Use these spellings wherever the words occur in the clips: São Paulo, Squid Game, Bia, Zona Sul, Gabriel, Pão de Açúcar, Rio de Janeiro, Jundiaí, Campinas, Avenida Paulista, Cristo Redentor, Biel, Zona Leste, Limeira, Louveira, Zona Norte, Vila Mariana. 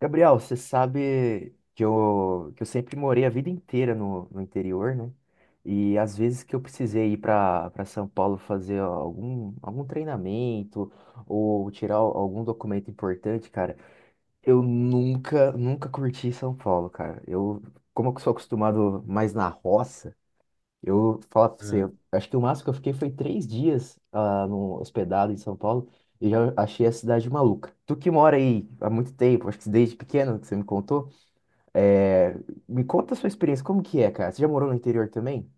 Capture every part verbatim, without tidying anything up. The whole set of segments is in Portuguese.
Gabriel, você sabe que eu, que eu sempre morei a vida inteira no, no interior, né? E às vezes que eu precisei ir para para São Paulo fazer algum, algum treinamento ou tirar algum documento importante, cara, eu nunca, nunca curti São Paulo, cara. Eu, como eu sou acostumado mais na roça, eu falo pra você, Hum. eu acho que o máximo que eu fiquei foi três dias ah, no hospedado em São Paulo e já achei a cidade maluca. Tu que mora aí há muito tempo, acho que desde pequeno que você me contou, é, me conta a sua experiência, como que é, cara? Você já morou no interior também?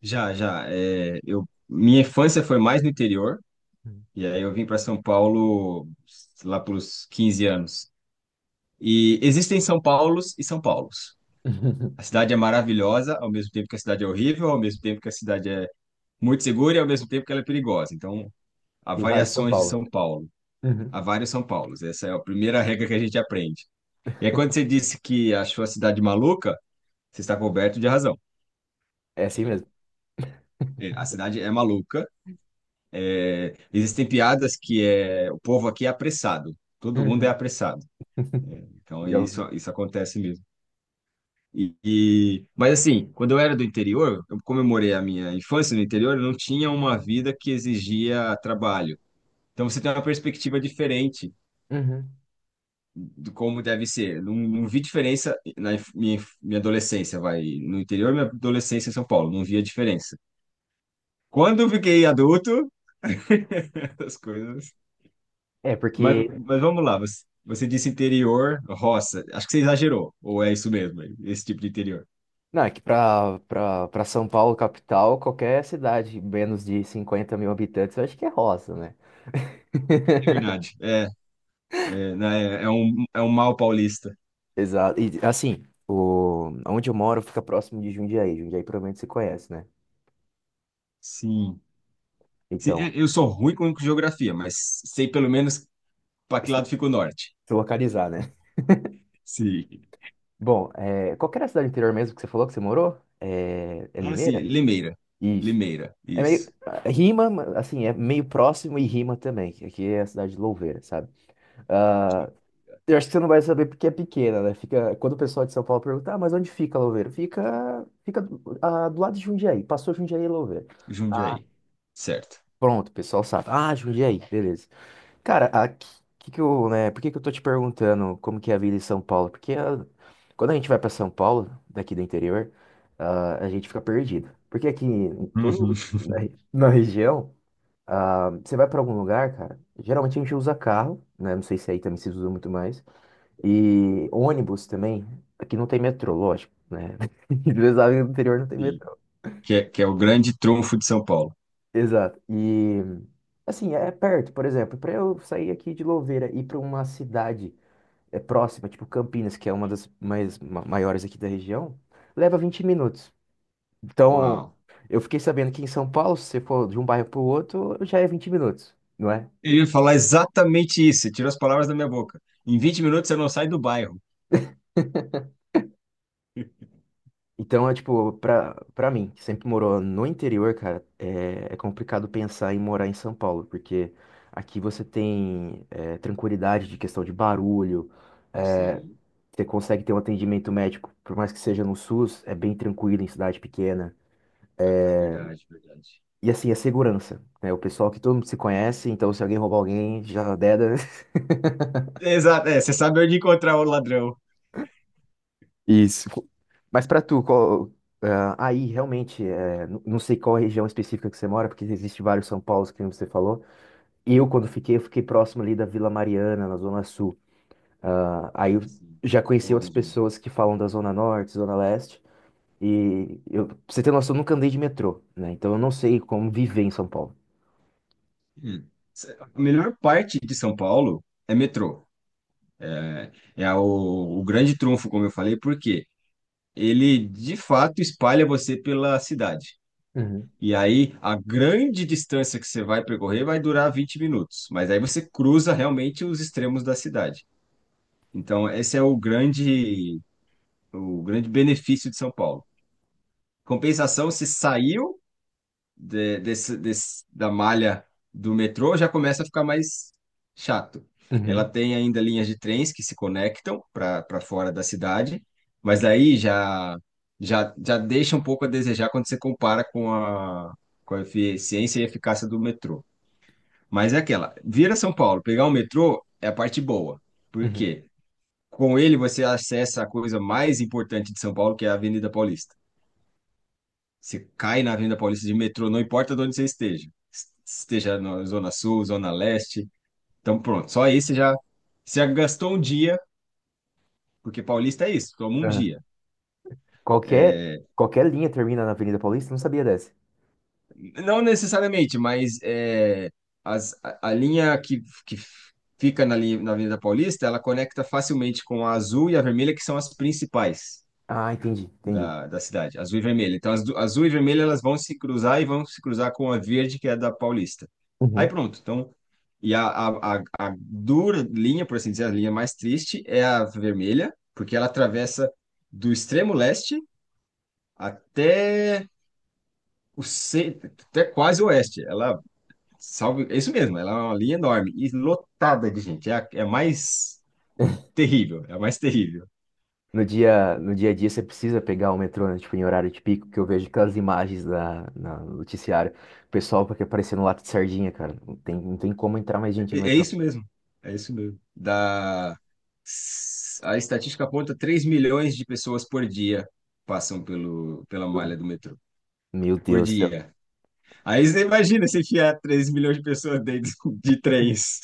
Já, já. É, eu, minha infância foi mais no interior, Uhum. e aí eu vim para São Paulo lá pelos quinze anos. E existem São Paulos e São Paulos. A cidade é maravilhosa, ao mesmo tempo que a cidade é horrível, ao mesmo tempo que a cidade é muito segura e ao mesmo tempo que ela é perigosa. Então, há Tem vários em São variações de Paulo. São Paulo. Há Uhum. vários São Paulos. Essa é a primeira regra que a gente aprende. E aí, quando você disse que achou a cidade maluca, você está coberto de razão. É assim mesmo. É, a cidade é maluca. Existem piadas que é, o povo aqui é apressado, todo mundo é Uhum. apressado. Então Já isso, ouvi. isso acontece mesmo. E, e- mas assim, quando eu era do interior, eu comemorei a minha infância no interior, eu não tinha uma vida que exigia trabalho. Então você tem uma perspectiva diferente Uhum. de como deve ser. Não, não vi diferença na inf- minha, inf- minha adolescência, vai, no interior, minha adolescência em São Paulo, não via diferença. Quando eu fiquei adulto, as coisas... É, Mas, porque. mas vamos lá, você, você disse interior, roça. Acho que você exagerou, ou é isso mesmo, esse tipo de interior. Não, é que pra, pra, pra São Paulo, capital, qualquer cidade menos de cinquenta mil habitantes, eu acho que é roça, né? É verdade. É, é, né, é é um, é um mal paulista. Exato. E assim, o... onde eu moro fica próximo de Jundiaí. Jundiaí provavelmente você conhece, né? Sim. Sim, Então, é, eu sou ruim com geografia, mas sei pelo menos para que se lado fica o norte. se localizar, né? Sim. Bom, é... qual que era a cidade interior mesmo que você falou que você morou? É, é Ah, sim, Limeira? Limeira. Isso. Limeira, É meio. isso. é, Rima, ma- assim, é meio próximo e rima também. Que Aqui é a cidade de Louveira, sabe? Ah, eu acho que você não vai saber porque é pequena, né? Fica... Quando o pessoal de São Paulo pergunta, ah, mas onde fica Louveira? Fica, fica do, ah, do lado de Jundiaí. Passou Jundiaí e Louveira. Jundiaí. Certo. Pronto, o pessoal sabe. Ah, Jundiaí, beleza. Cara, a, que, que eu, né, por que que eu tô te perguntando como que é a vida em São Paulo? Porque ah, quando a gente vai pra São Paulo, daqui do interior, ah, a gente fica perdido. Porque aqui em Uhum. todo na, re- na região, ah, você vai pra algum lugar, cara, geralmente a gente usa carro, né? Não sei se aí também se usa muito mais. E ônibus também. Aqui não tem metrô, lógico, né? Eles sabem que no interior não tem Sim. metrô. Que é, que é o grande trunfo de São Paulo. Exato. E assim, é perto, por exemplo, pra eu sair aqui de Louveira e ir pra uma cidade é próxima, tipo Campinas, que é uma das mais ma- maiores aqui da região, leva vinte minutos. Então, Uau. eu fiquei sabendo que em São Paulo, se você for de um bairro pro outro, já é vinte minutos, não é? Eu ia falar exatamente isso, você tirou as palavras da minha boca. Em vinte minutos você não sai do bairro. Então, é tipo, pra, pra mim, que sempre morou no interior, cara, é, é complicado pensar em morar em São Paulo, porque aqui você tem é, tranquilidade de questão de barulho, é, Sim, você consegue ter um atendimento médico, por mais que seja no SUS, é bem tranquilo em cidade pequena. ah, tá, verdade, verdade. E assim, a segurança, né? O pessoal que todo mundo se conhece, então se alguém roubar alguém, já deda. Exato, é, você sabe onde encontrar o ladrão. Isso. Mas pra tu, qual, ah, aí realmente, é, n- não sei qual região específica que você mora, porque existe vários São Paulos, que nem você falou. Eu, quando fiquei, eu fiquei próximo ali da Vila Mariana, na Zona Sul. Ah, Ah, aí eu sim. já conheci Boa outras região. pessoas que falam da Zona Norte, Zona Leste. E eu, pra você ter noção, eu nunca andei de metrô, né? Então eu não sei como viver em São Paulo. Hum. A melhor parte de São Paulo é metrô. É o, o grande trunfo, como eu falei, porque ele de fato espalha você pela cidade. Uhum, E aí a grande distância que você vai percorrer vai durar vinte minutos, mas aí você cruza realmente os extremos da cidade. Então, esse é o grande, o grande benefício de São Paulo. Compensação, se saiu de- desse, desse- da malha do metrô, já começa a ficar mais chato. Ela uhum, tem ainda linhas de trens que se conectam para para fora da cidade, mas aí já, já, já deixa um pouco a desejar quando você compara com a, com a eficiência e eficácia do metrô. Mas é aquela, vir a São Paulo, pegar o metrô é a parte boa. Por quê? Com ele você acessa a coisa mais importante de São Paulo, que é a Avenida Paulista. Você cai na Avenida Paulista de metrô, não importa de onde você esteja. Esteja na Zona Sul, Zona Leste. Então, pronto. Só aí você já, você já gastou um dia, porque Paulista é isso, toma um uhum. dia. Qualquer, É, qualquer linha termina na Avenida Paulista? Não sabia dessa. não necessariamente, mas é, as- a, a linha que, que fica na, linha, na Avenida Paulista, ela conecta facilmente com a azul e a vermelha, que são as principais Ah, entendi, entendi. da, da cidade, azul e vermelha. Então, as du- azul e vermelha, elas vão se cruzar e vão se cruzar com a verde, que é da Paulista. Aí Uhum. pronto. Então, e a, a, a, a dura linha, por assim dizer, a linha mais triste é a vermelha, porque ela atravessa do extremo leste até o ce- até quase o oeste. Ela, salve, é isso mesmo, ela é uma linha enorme e lotada de gente. É a, é a mais terrível, é a mais terrível. No dia, no dia a dia você precisa pegar o metrô, né, tipo, em horário de pico, que eu vejo aquelas imagens da, na, no noticiário. O pessoal porque aparecendo lato de sardinha, cara. Não tem, não tem como entrar mais gente no É metrô. isso mesmo. É isso mesmo. Da... A estatística aponta três milhões de pessoas por dia passam pelo, pela malha do metrô. Meu Por Deus do céu. dia. Aí você imagina se enfiar três milhões de pessoas dentro de trens.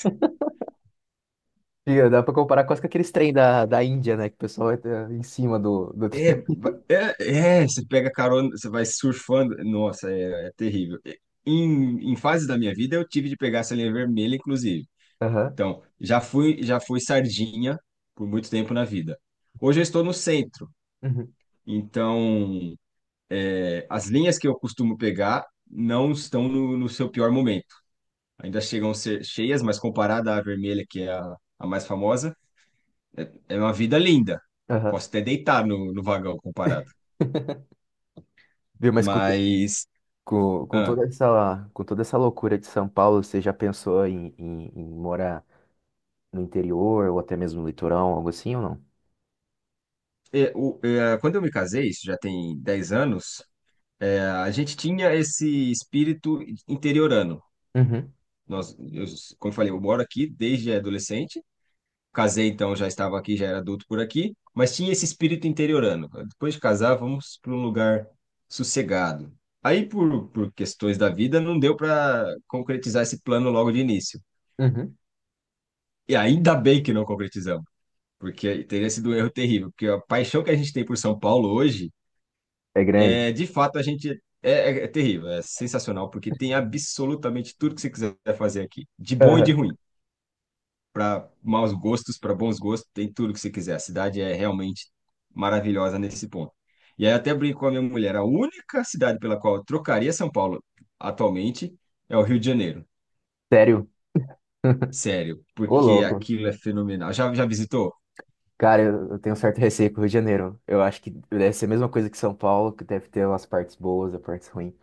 E dá pra comparar quase com aqueles trem da, da Índia, né? Que o pessoal entra em cima do, do É, trem. é, é, você pega carona, você vai surfando. Nossa, é, é terrível. Em, em fases da minha vida, eu tive de pegar essa linha vermelha, inclusive. Aham. Então, já fui, já fui sardinha por muito tempo na vida. Hoje eu estou no centro. Uhum. Então, as linhas que eu costumo pegar não estão no, no seu pior momento. Ainda chegam a ser cheias, mas comparada à vermelha, que é a, a mais famosa, é uma vida linda. Aham. Posso até deitar no, no vagão comparado. Viu, mas com, to- Mas, com, com ah, toda essa, com toda essa loucura de São Paulo, você já pensou em, em, em morar? No interior ou até mesmo no litoral algo assim ou não? é, o- é, quando eu me casei, isso já tem dez anos, é, a gente tinha esse espírito interiorano. Uhum, Nós, eu, como eu falei, eu moro aqui desde adolescente. Casei, então já estava aqui, já era adulto por aqui, mas tinha esse espírito interiorano. Depois de casar, vamos para um lugar sossegado. Aí, por, por questões da vida, não deu para concretizar esse plano logo de início. uhum. E ainda bem que não concretizamos, porque teria sido um erro terrível, porque a paixão que a gente tem por São Paulo hoje, É grande? é, de fato, a gente é, é é terrível, é sensacional, porque tem absolutamente tudo que você quiser fazer aqui, de bom e de Aham. ruim. Para maus gostos, para bons gostos, tem tudo que você quiser. A cidade é realmente maravilhosa nesse ponto. E aí eu até brinco com a minha mulher, a única cidade pela qual eu trocaria São Paulo atualmente é o Rio de Janeiro. Sério? Sério, Ô, porque louco. aquilo é fenomenal. Já, já visitou? Cara, eu, eu tenho um certo receio com o Rio de Janeiro. Eu acho que deve ser a mesma coisa que São Paulo, que deve ter umas partes boas e partes ruins.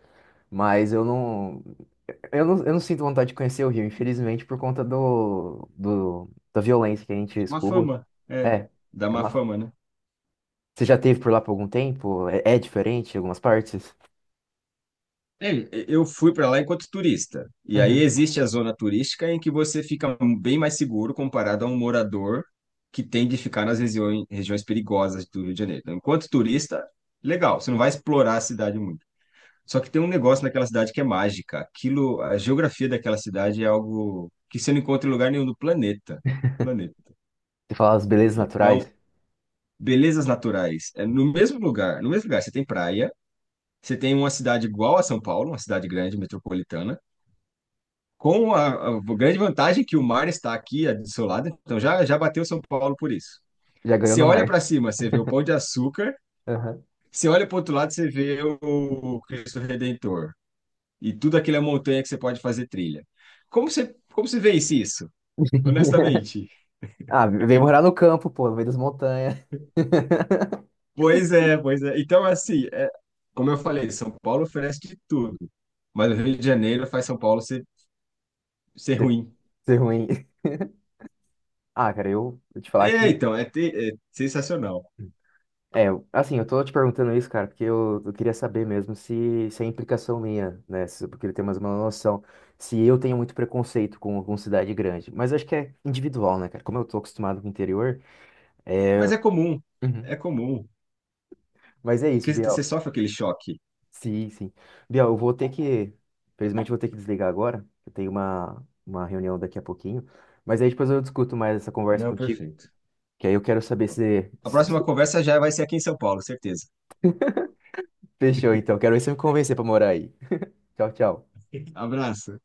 Mas eu não, eu não, eu não sinto vontade de conhecer o Rio, infelizmente, por conta do, do, da violência que a gente Dá uma escuta. fama, é, É, dá tá uma uma- fama, né? você já teve por lá por algum tempo? É, é diferente em algumas partes? É, eu fui para lá enquanto turista. E aí Uhum. existe a zona turística em que você fica bem mais seguro comparado a um morador que tem de ficar nas regiões, regiões perigosas do Rio de Janeiro. Então, enquanto turista, legal, você não vai explorar a cidade muito. Só que tem um negócio naquela cidade que é mágica. Aquilo, a geografia daquela cidade é algo que você não encontra em lugar nenhum do planeta. Planeta. Você fala as belezas Então, naturais? belezas naturais. É no mesmo lugar, no mesmo lugar, você tem praia, você tem uma cidade igual a São Paulo, uma cidade grande, metropolitana com a, a grande vantagem que o mar está aqui a- do seu lado, então já, já bateu São Paulo por isso. Já ganhou Você no olha para mar. cima, você vê o Pão de Açúcar, você olha para o outro lado, você vê o Cristo Redentor e tudo aquilo é montanha que você pode fazer trilha. Como você, como você vence isso, honestamente? Ah, vem morar no campo, pô, no meio das montanhas. Pois é, pois é. Então, assim, é, como eu falei, São Paulo oferece de tudo, mas o Rio de Janeiro faz São Paulo ser, ser Ser ruim. ser ruim. Ah, cara, eu vou te falar É, que. então, é, te- é sensacional. É, eu- assim, eu tô te perguntando isso, cara, porque eu, eu queria saber mesmo se, se é implicação minha, né? Se- porque ele tem mais uma noção. Se eu tenho muito preconceito com, com cidade grande. Mas acho que é individual, né, cara? Como eu tô acostumado com o interior. Mas é comum, Uhum. é comum. Mas é isso, Porque você Biel. sofre aquele choque. Sim, sim. Bia, eu vou ter que. Infelizmente, eu vou ter que desligar agora. Eu tenho uma, uma reunião daqui a pouquinho. Mas aí depois eu discuto mais essa conversa Não, contigo. perfeito. Que aí eu quero saber se, A se próxima conversa já vai ser aqui em São Paulo, certeza. fechou, então. Quero ver se você me convencer pra morar aí. Tchau, tchau. Abraço.